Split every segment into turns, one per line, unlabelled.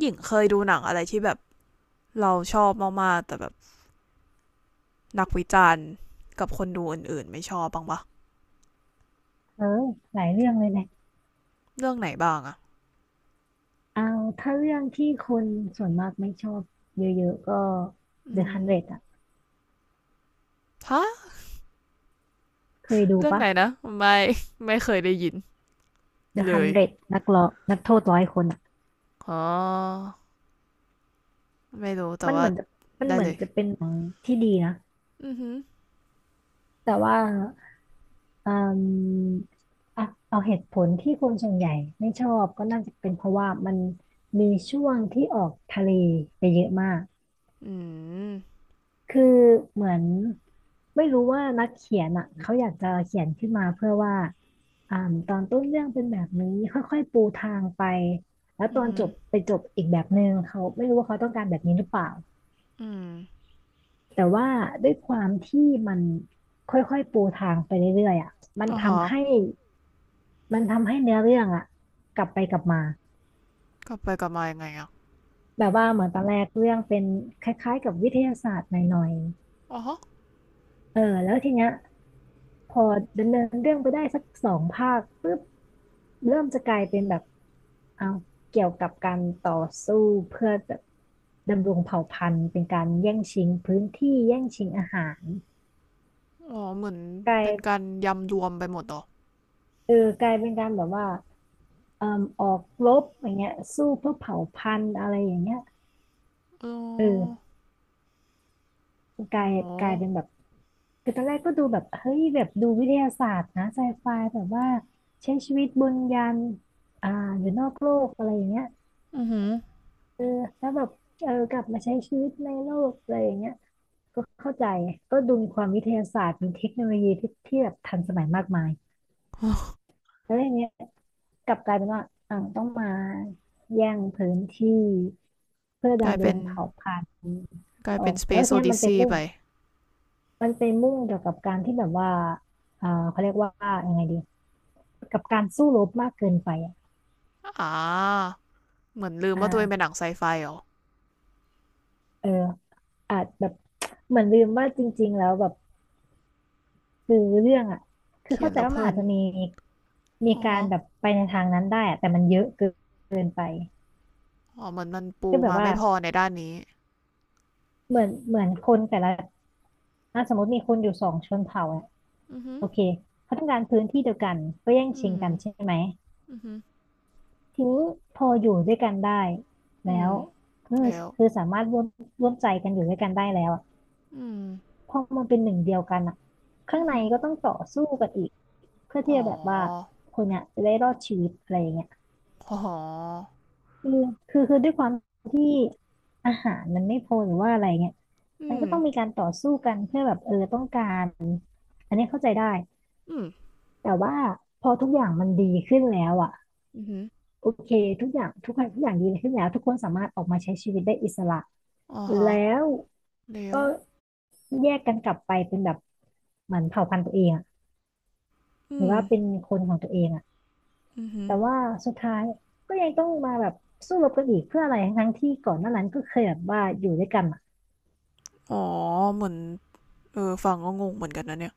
หญิงเคยดูหนังอะไรที่แบบเราชอบมากๆแต่แบบนักวิจารณ์กับคนดูอื่นๆไม่ชอบบ้างปะ
เออหลายเรื่องเลยแหละ
เรื่องไหนบ้างอะ
เอาถ้าเรื่องที่คนส่วนมากไม่ชอบเยอะๆก็
อื
The
ม
100อ่ะ
ฮะ
เคยดู
เรื่อง
ปะ
ไหนนะไม่ไม่เคยได้ยิน
The
เลย
100นเดรดนักร้อนักโทษร้อยคนอ่ะ
อ๋อไม่รู้แต่
มันเห
ว่า
มือนจะมัน
ได้
เหมือ
เล
น
ย
จะเป็นหนังที่ดีนะ
อือหือ
แต่ว่าอืมอ่ะเอาเหตุผลที่คนส่วนใหญ่ไม่ชอบก็น่าจะเป็นเพราะว่ามันมีช่วงที่ออกทะเลไปเยอะมาก
อืม
คือเหมือนไม่รู้ว่านักเขียนอ่ะเขาอยากจะเขียนขึ้นมาเพื่อว่าอ่าตอนต้นเรื่องเป็นแบบนี้ค่อยๆปูทางไปแล้วต
อื
อ
อ
น
หื
จ
อ
บไปจบอีกแบบหนึ่งเขาไม่รู้ว่าเขาต้องการแบบนี้หรือเปล่า
อืม
แต่ว่าด้วยความที่มันค่อยๆปูทางไปเรื่อยๆอ่ะมัน
อ๋อฮะ
ทำให้มันทำให้เนื้อเรื่องอ่ะกลับไปกลับมา
กลับไปกลับมายังไงอะ
แบบว่าเหมือนตอนแรกเรื่องเป็นคล้ายๆกับวิทยาศาสตร์หน่อย
อ๋อ
ๆเออแล้วทีเนี้ย พอดำเนินเรื่องไปได้สักสองภาคปุ๊บเริ่มจะกลายเป็นแบบเอาวเกี่ยวกับการต่อสู้เพื่อแบบดำรงเผ่าพันธุ์เป็นการแย่งชิงพื้นที่แย่งชิงอาหาร
อ๋อเหมือน
กลา
เป็นกา
ย
รยำรวมไปหมดหรอ
เออกลายเป็นการแบบว่าเอ่มออกรบอย่างเงี้ยสู้เพื่อเผ่าพันธุ์อะไรอย่างเงี้ย
อ๋
เ
อ
ออก
อ๋
ลา
อ
ยกลายเป็นแบบคือตอนแรกก็ดูแบบเฮ้ยแบบดูวิทยาศาสตร์นะไซไฟแบบว่าใช้ชีวิตบนยานอ่าอยู่นอกโลกอะไรอย่างเงี้ย
อือหือ
เออแล้วแบบเออกลับมาใช้ชีวิตในโลกอะไรอย่างเงี้ยก็เข้าใจก็ดูมีความวิทยาศาสตร์มีเทคโนโลยีที่แบบทันสมัยมากมายแล้วอย่างเงี้ยกลับกลายเป็นว่าอ่าวต้องมาแย่งพื้นที่เพื่อ
กลาย
ดำร
เป็
ง
น
เผ่าพันธุ์
กลาย
อ
เป็
อ
น
กแล้ว
Space
ทีเนี้ยมันไป
Odyssey
มุ่ง
ไป
มันไปมุ่งเกี่ยวกับการที่แบบว่าเขาเรียกว่ายังไงดีกับการสู้รบมากเกินไปอ่ะ
อ่าเหมือนลืม
อ
ว่าตัวเองเป็นหนั
่า
งไซไฟเหรอ
เอออาจแบบ เหมือนลืมว่าจริงๆแล้วแบบ คือเรื่องอ่ะคือ
เขีย
เข้า
น
ใจ
แล้ว
ว่า
เพ
มัน
ลิ
อาจ
น
จะมี
อ๋อ
การ
ฮะ
แบบไปในทางนั้นได้อะแต่มันเยอะเกินไป
อ๋อเหมือนมันปู
ก็แบบ
มา
ว่า
ไม่พอในด้านนี้
เหมือนคนแต่ละอ่ะสมมติมีคนอยู่สองชนเผ่าอ่ะ
อือฮึ
โอเคเขาต้องการพื้นที่เดียวกันก็แย่ง
อื
ชิง
ม
กันใช่ไหม
อือฮึ
ทีนี้พออยู่ด้วยกันได้
อื
แล้
ม
วคือ
แล้ว
คือสามารถร่วมใจกันอยู่ด้วยกันได้แล้วอะ
อืม
พอมันเป็นหนึ่งเดียวกันอ่ะข้า
อื
ง
อ
ใน
ฮึ
ก็ต้องต่อสู้กันอีกเพื่อที่
อ๋อ
จะแบบว่าคนเนี้ยจะได้รอดชีวิตอะไรอย่างเงี้ย
อ๋อ
คือคือด้วยความที่อาหารมันไม่พอหรือว่าอะไรเงี้ย
อื
มันก็
ม
ต้องมีการต่อสู้กันเพื่อแบบเออต้องการอันนี้เข้าใจได้
อืม
แต่ว่าพอทุกอย่างมันดีขึ้นแล้วอ่ะ
อือฮึ
โอเคทุกอย่างทุกอย่างทุกอย่างดีขึ้นแล้วทุกคนสามารถออกมาใช้ชีวิตได้อิสระ
อ๋อฮะ
แล้ว
แล้
ก็
ว
แยกกันกลับไปเป็นแบบเหมือนเผ่าพันธุ์ตัวเองอะห
อื
รือ
ม
ว่าเป็นคนของตัวเองอะ
อือฮึ
แต่ว่าสุดท้ายก็ยังต้องมาแบบสู้รบกันอีกเพื่ออะไรทั้งที่ก่อนหน้านั้นก็เคยแบบว่าอยู่ด้วยกัน
อ๋อเหมือนเออฟังก็งงเหมือนกันนะเนี่ย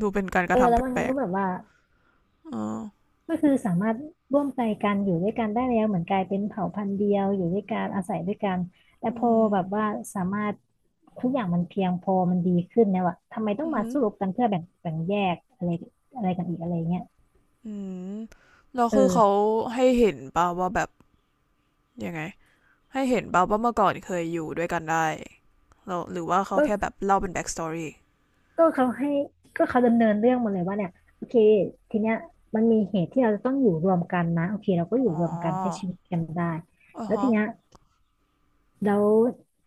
ดูเป็นการก
เออ
ระทำ
แล้
แ
วมัน
ปล
ก็
ก
แบบว่า
ๆเออ
ก็คือสามารถร่วมใจกันอยู่ด้วยกันได้แล้วเหมือนกลายเป็นเผ่าพันธุ์เดียวอยู่ด้วยกันอาศัยด้วยกันแต่
อื
พอ
ม
แบบว่าสามารถทุกอย่างมันเพียงพอมันดีขึ้นแล้วอะทำไมต้อ
อื
ง
อ
มา
ฮึ
สู้รบกันเพื่อแบ่งแยกอะไรอะไรกันอีกอะไรเงี้ย
อืมแล้วคือเขา
เออ
ให้เห็นป่ะว่าแบบ ยังไงให้เห็นเปล่างว่าเมื่อก่อนเคยอยู่ด้วยกันได้แล้วหรือว่าเขา
ก็
แค่แบบเล่าเป็นแบ็กสตอรี่
ก็เขาให้ก็เขาดำเนินเรื่องมาเลยว่าเนี่ยโอเคทีเนี้ยมันมีเหตุที่เราจะต้องอยู่รวมกันนะโอเคเราก็อยู่
อ๋อ
รวมกันใช้ชีวิตกันได้
อ๋อ
แล้วที
ฮะ
เนี้ย แล้ว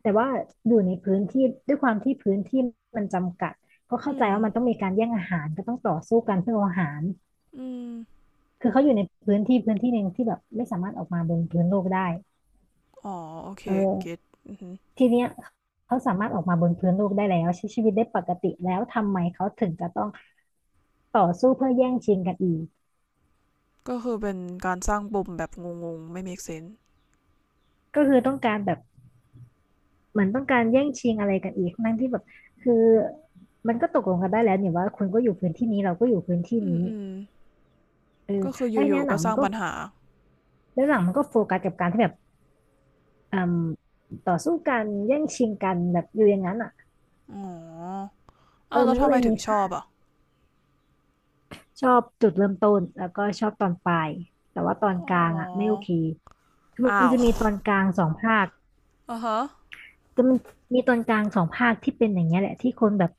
แต่ว่าอยู่ในพื้นที่ด้วยความที่พื้นที่มันจำกัดก็เข้า
อื
ใจ
ม
ว่ามันต้องมีการแย่งอาหารก็ต้องต่อสู้กันเพื่อเอาอาหาร
อืม
คือเขาอยู่ในพื้นที่หนึ่งที่แบบไม่สามารถออกมาบนพื้นโลกได้
อ๋อโอเค
เ
เก็
ออ
ต
ทีเนี้ยเขาสามารถออกมาบนพื้นโลกได้แล้วใช้ชีวิตได้ปกติแล้วทำไมเขาถึงจะต้องต่อสู้เพื่อแย่งชิงกันอีก
ก็คือเป็นการสร้างปมแบบงงๆไม่ make sense
ก็คือต้องการแบบเหมือนต้องการแย่งชิงอะไรกันอีกทั้งที่แบบคือมันก็ตกลงกันได้แล้วเนี่ยว่าคุณก็อยู่พื้นที่นี้เราก็อยู่พื้นที่
อืม
นี้
อืม
เออ
ก็คืออ
ไอ้เนี่
ยู่
ย
ๆ
หนั
ก็
ง
ส
มั
ร้า
น
ง
ก็
ปัญหา
แล้วหลังมันก็โฟกัสกับการที่แบบอืมต่อสู้กันแย่งชิงกันแบบอยู่อย่างนั้นอ่ะ
อ๋อ
เอ
อ้าว
อ
แล้
มั
ว
นก็
ทำ
เล
ไม
ย
ถึ
มี
งชอ
ภา
บ
ค
อ่ะ
ชอบจุดเริ่มต้นแล้วก็ชอบตอนปลายแต่ว่าตอ
อ๋
นกลางอ่ะไม่
อ
โอเคคือ
อ้า
มัน
ว
จะมีตอนกลางสองภาค
อ่ะฮะ
ก็มันมีตอนกลางสองภาคที่เป็นอย่างเงี้ยแหละที่คนแบบ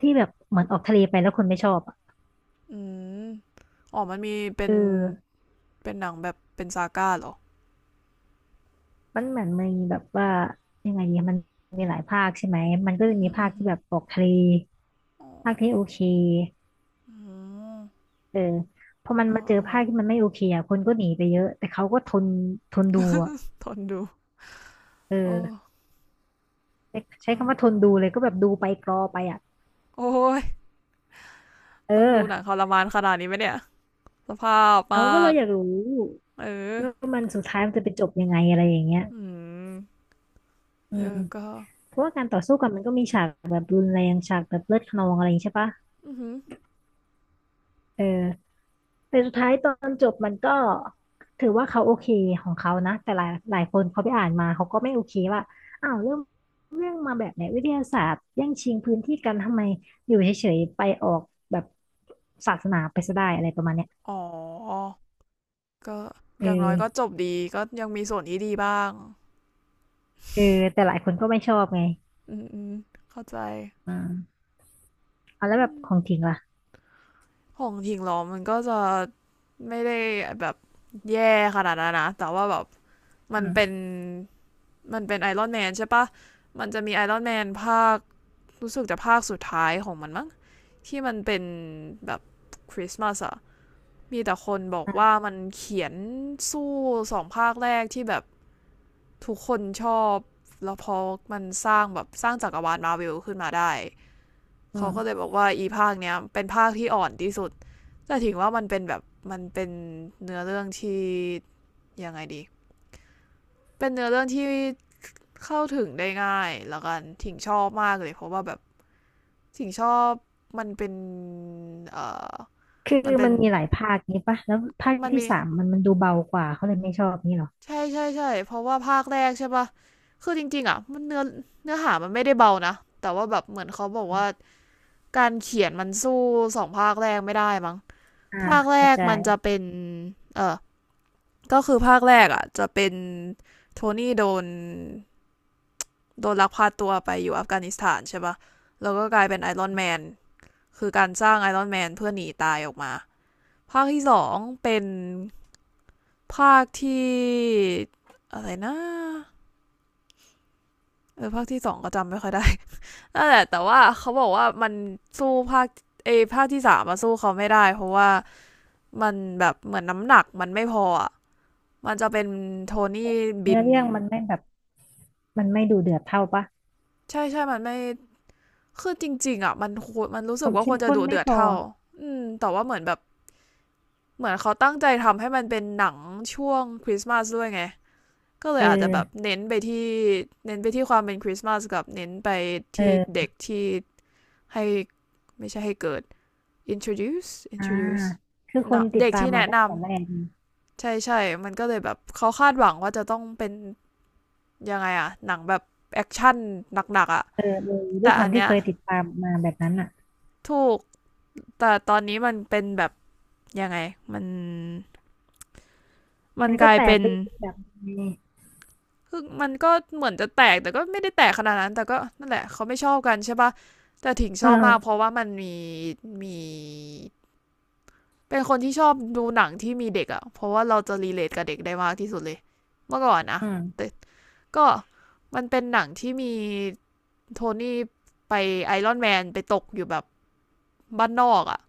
ที่แบบเหมือนออกทะเลไปแล้วคนไม่ชอบอ่ะ
อืมอ๋อมันมีเป็
เอ
น
อ
เป็นหนังแบบเป็นซาก้าเหรอ
มันเหมือนมีแบบว่ายังไงดีมันมีหลายภาคใช่ไหมมันก็
อื
จะมี
ม
ภา
อื
คที่
ม
แบบออกทะเล
อ๋อ
ภาคที่โอเค
อืม
เออพอมัน
อ๋อ
มาเจอภาพที่มันไม่โอเคอ่ะคนก็หนีไปเยอะแต่เขาก็ทนทนดูอ่ะ
ทนดู
เอ
โอ้
อใช้คำว่าทนดูเลยก็แบบดูไปกรอไปอ่ะ
โอ้ย
เอ
ต้องดูหนังท
อ
รมานขนาดนี้ไหมเนี่ยสภาพมา
เอาก็เรา
ก
อยากรู้
เออ
ว่ามันสุดท้ายมันจะไปจบยังไงอะไรอย่างเงี้ย
อืม
อื
เอ
ม
อก็
เพราะว่าการต่อสู้กันมันก็มีฉากแบบรุนแรงฉากแบบเลือดคะนองอะไรอย่างงี้ใช่ปะ
อือหือ
เออ แต่สุดท้ายตอนจบมันก็ถือว่าเขาโอเคของเขานะแต่หลายคนเขาไปอ่านมาเขาก็ไม่โอเคว่าอ้าวเรื่องมาแบบไหนวิทยาศาสตร์แย่งชิงพื้นที่กันทำไมอยู่เฉยๆไปออกแบบศาสนาไปซะได้อะไรประมาณเนี้ย
อ๋อก็
เ
อย่างน้อยก็จ
ออ
บดีก็ยังมีส่วนที่ดีบ้าง
เออแต่หลายคนก็ไม่ชอบไง
อืมอืมเข้าใจ
อืมเอาแล้
อ
วแบบข
ม
องทิ้งล่ะ
ของทิ้งล้อมมันก็จะไม่ได้แบบแย่ขนาดนั้นนะแต่ว่าแบบมั
อื
น
ม
เป็นมันเป็นไอรอนแมนใช่ปะมันจะมีไอรอนแมนภาครู้สึกจะภาคสุดท้ายของมันมั้ง ที่มันเป็นแบบคริสต์มาสอะมีแต่คนบอกว่า
อ่ะ
มันเขียนสู้สองภาคแรกที่แบบทุกคนชอบ แล้วพอมันสร้างแบบสร้างจักรวาลมาร์เวิลขึ้นมาได้
อื
เขา
ม
ก็เลยบอกว่าอีภาคเนี้ยเป็นภาคที่อ่อนที่สุดแต่ถึงว่ามันเป็นแบบมันเป็นเนื้อเรื่องที่ยังไงดี เป็นเนื้อเรื่องที่เข้าถึงได้ง่ายแล้วกันถิงชอบมากเลยเพราะว่าแบบถิงชอบมันเป็นเอ่อ
คือ
มันเป็
มั
น
นมีหลายภาคนี้ปะแล้วภาค
มัน
ที่
มี
สามมันดูเบากว่าเขาเลยไม่ชอบนี่หรอ
ใช่ใช่ใช่เพราะว่าภาคแรกใช่ปะคือจริงๆอ่ะมันเนื้อเนื้อหามันไม่ได้เบานะแต่ว่าแบบเหมือนเขาบอกว่าการเขียนมันสู้สองภาคแรกไม่ได้มั้ง
อ่า
ภาคแร
เข้า
ก
ใจ
มันจะเป็นเออก็คือภาคแรกอ่ะจะเป็นโทนี่โดนลักพาตัวไปอยู่อัฟกานิสถานใช่ปะแล้วก็กลายเป็นไอรอนแมนคือการสร้างไอรอนแมนเพื่อหนีตายออกมาภาคที่สองเป็นภาคที่อะไรนะเออภาคที่สองก็จำไม่ค่อยได้ นั่นแหละแต่ว่าเขาบอกว่ามันสู้ภาคภาคที่สามมาสู้เขาไม่ได้เพราะว่ามันแบบเหมือนน้ำหนักมันไม่พออะมันจะเป็นโทนี่บิ
เนื้อ
น
เรื่องมันไม่แบบมันไม่ดูเดือดเท่าปะ
ใช่ใช่มันไม่คือจริงๆอ่ะมันรู้
ค
สึ
วา
ก
ม
ว่าค
เข้
ว
ม
รจะ
ข้น
ดุ
ไม่
เดือด
พอ
เท่าอืมแต่ว่าเหมือนแบบเหมือนเขาตั้งใจทำให้มันเป็นหนังช่วงคริสต์มาสด้วยไง ก็เล
เอ
ยอาจจะแบบ
อ
เน้นไปที่ความเป็นคริสต์มาสกับเน้นไปที่
เออ
เด็กที่ให้ไม่ใช่ให้เกิด introduce
อ่า
introduce
คือคน
เนาะ
ติด
เด็ก
ตาม
ที่
มา
แนะ
ตั้
น
งแต่แรกไง
ำใช่ใช่มันก็เลยแบบเขาคาดหวังว่าจะต้องเป็นยังไงอะหนังแบบแอคชั่นหนักๆอะ
เออเอยด้ว
แต่
ยค
อั
วาม
น
ที่
เนี้ย
เคยติดตามมาแบบนั้นอ่ะ
ถูกแต่ตอนนี้มันเป็นแบบยังไงมันมัน
มัน
ก
ก็
ลาย
แตก
เป็น
ไปอีกแบบนึงไง
คือมันก็เหมือนจะแตกแต่ก็ไม่ได้แตกขนาดนั้นแต่ก็นั่นแหละเขาไม่ชอบกันใช่ปะแต่ถิง
เ
ชอบมากเพ
ออ
ราะว่ามันมีมีเป็นคนที่ชอบดูหนังที่มีเด็กอะเพราะว่าเราจะรีเลทกับเด็กได้มากที่สุดเลยเมื่อก่อนนะ
อื
แต่
ม
ก็มันเป็นหนังที่มีโทนี่ไปไอรอนแมนไปตกอยู่แบบบ้านนอกอะ่ะ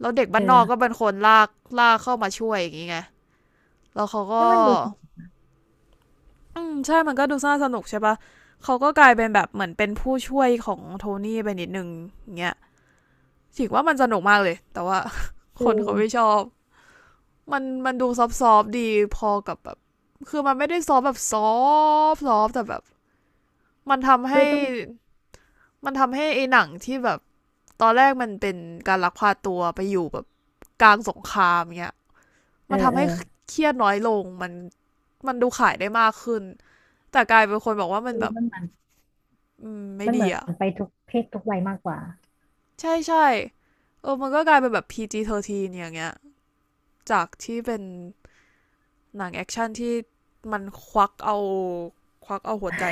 แล้วเด็ก
เอ
บ้านนอกก็
อ
เป็นคนลากลากเข้ามาช่วยอย่างงี้ไงแล้วเขา
ให้
ก็
มันดูสนุก
อืมใช่มันก็ดูน่าสนุกใช่ปะเขาก็กลายเป็นแบบเหมือนเป็นผู้ช่วยของโทนี่ไปนิดนึงอย่างเงี้ยถือว่ามันสนุกมากเลยแต่ว่า
คื
ค
อ
นเขาไม่ชอบมันมันดูซอฟๆดีพอกับแบบคือมันไม่ได้ซอฟแบบซอฟซอฟแต่แบบมันทำ
ไม่
ให้
ต้อง
มันทำให้ไอ้หนังที่แบบ ตอนแรกมันเป็นการลักพาตัวไปอยู่แบบกลางสงครามเงี้ย
เอ
มั
อ
นทำ
เออ
ให้เครียดน้อยลงมันมันดูขายได้มากขึ้นแต่กลายเป็นคนบอกว่ามัน
คือ
แบบ
มันเหมือน
ไม่
มันเห
ดี
มือ
อะ
นไปทุกเพศทุกวัยมากกว่า
ใช่ใช่เออมันก็กลายเป็นแบบ PG-13 อย่างเงี้ยจากที่เป็นหนังแอคชั่นที่มันควักเอาควักเอาหัวใจ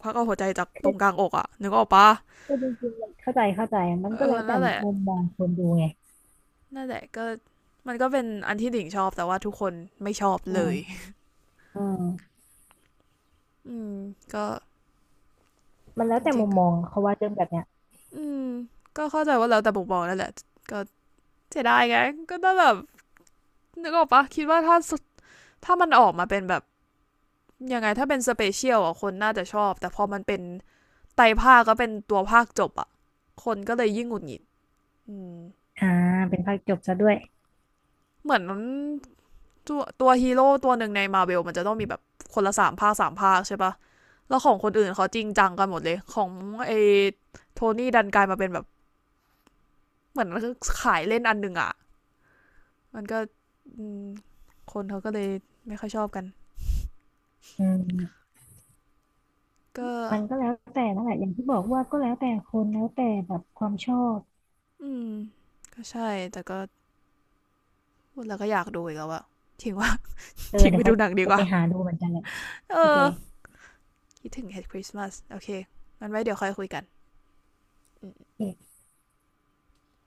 ควักเอาหัวใจจากต
คื
ร
อ
งกลางอกอะนึกออกปะ
คือจริงๆมันเข้าใจมันก็
เอ
แล้
อ
วแต่
นั่นแหละ
มุมมองคนดูไง
นั่นแหละก็มันก็เป็นอันที่ดิ่งชอบแต่ว่าทุกคนไม่ชอบ
อื
เลย
มอืม
อืมก็
มันแล้
จ
วแต่
ริ
มุ
ง
ม
ๆก็
มองเขาว่าเรื่องแบบเนี้ย
อืมก็เข้าใจว่าแล้วแต่บุกบอนั่นแหละก็เสียดายไงก็ต้องแบบนึกออกปะคิดว่าถ้าถ้ามันออกมาเป็นแบบยังไงถ้าเป็นสเปเชียลอ่ะคนน่าจะชอบแต่พอมันเป็นไตรภาคก็เป็นตัวภาคจบอ่ะคนก็เลยยิ่งหงุดหงิดอืม
อ่าเป็นภาคจบซะด้วย
เหมือนตัวฮีโร่ตัวหนึ่งในมาเ e ลมันจะต้องมีแบบคนละสามภาคสามภาคใช่ปะแล้วของคนอื่นเขาจริงจังกันหมดเลยของไอโทนี่ดันกลายมาเป็นแบบเหมือนขายเล่นอันหนึ่งอะ มันก็คนเขาก็เลยไม่ค่อยชอบกัน
อืม
ก็
มันก็แล้วแต่นั่นแหละอย่างที่บอกว่าก็แล้วแต่คนแล้วแต่แบบความชอบ
อืมก็ใช่แต่ก็พูดแล้วก็อยากดูอีกแล้วอะทิ้งว่า
เออ
ทิ้ง
เดี๋
ไป
ยว
ดู
เขา
หนังดี
จะ
ก
ไป
ว่า
หาดูเหมือนกันแหละ
เอ
โอเค
อคิดถึง Head Christmas โอเคมันไว้เดี๋ยวค่อยคุยกันอืม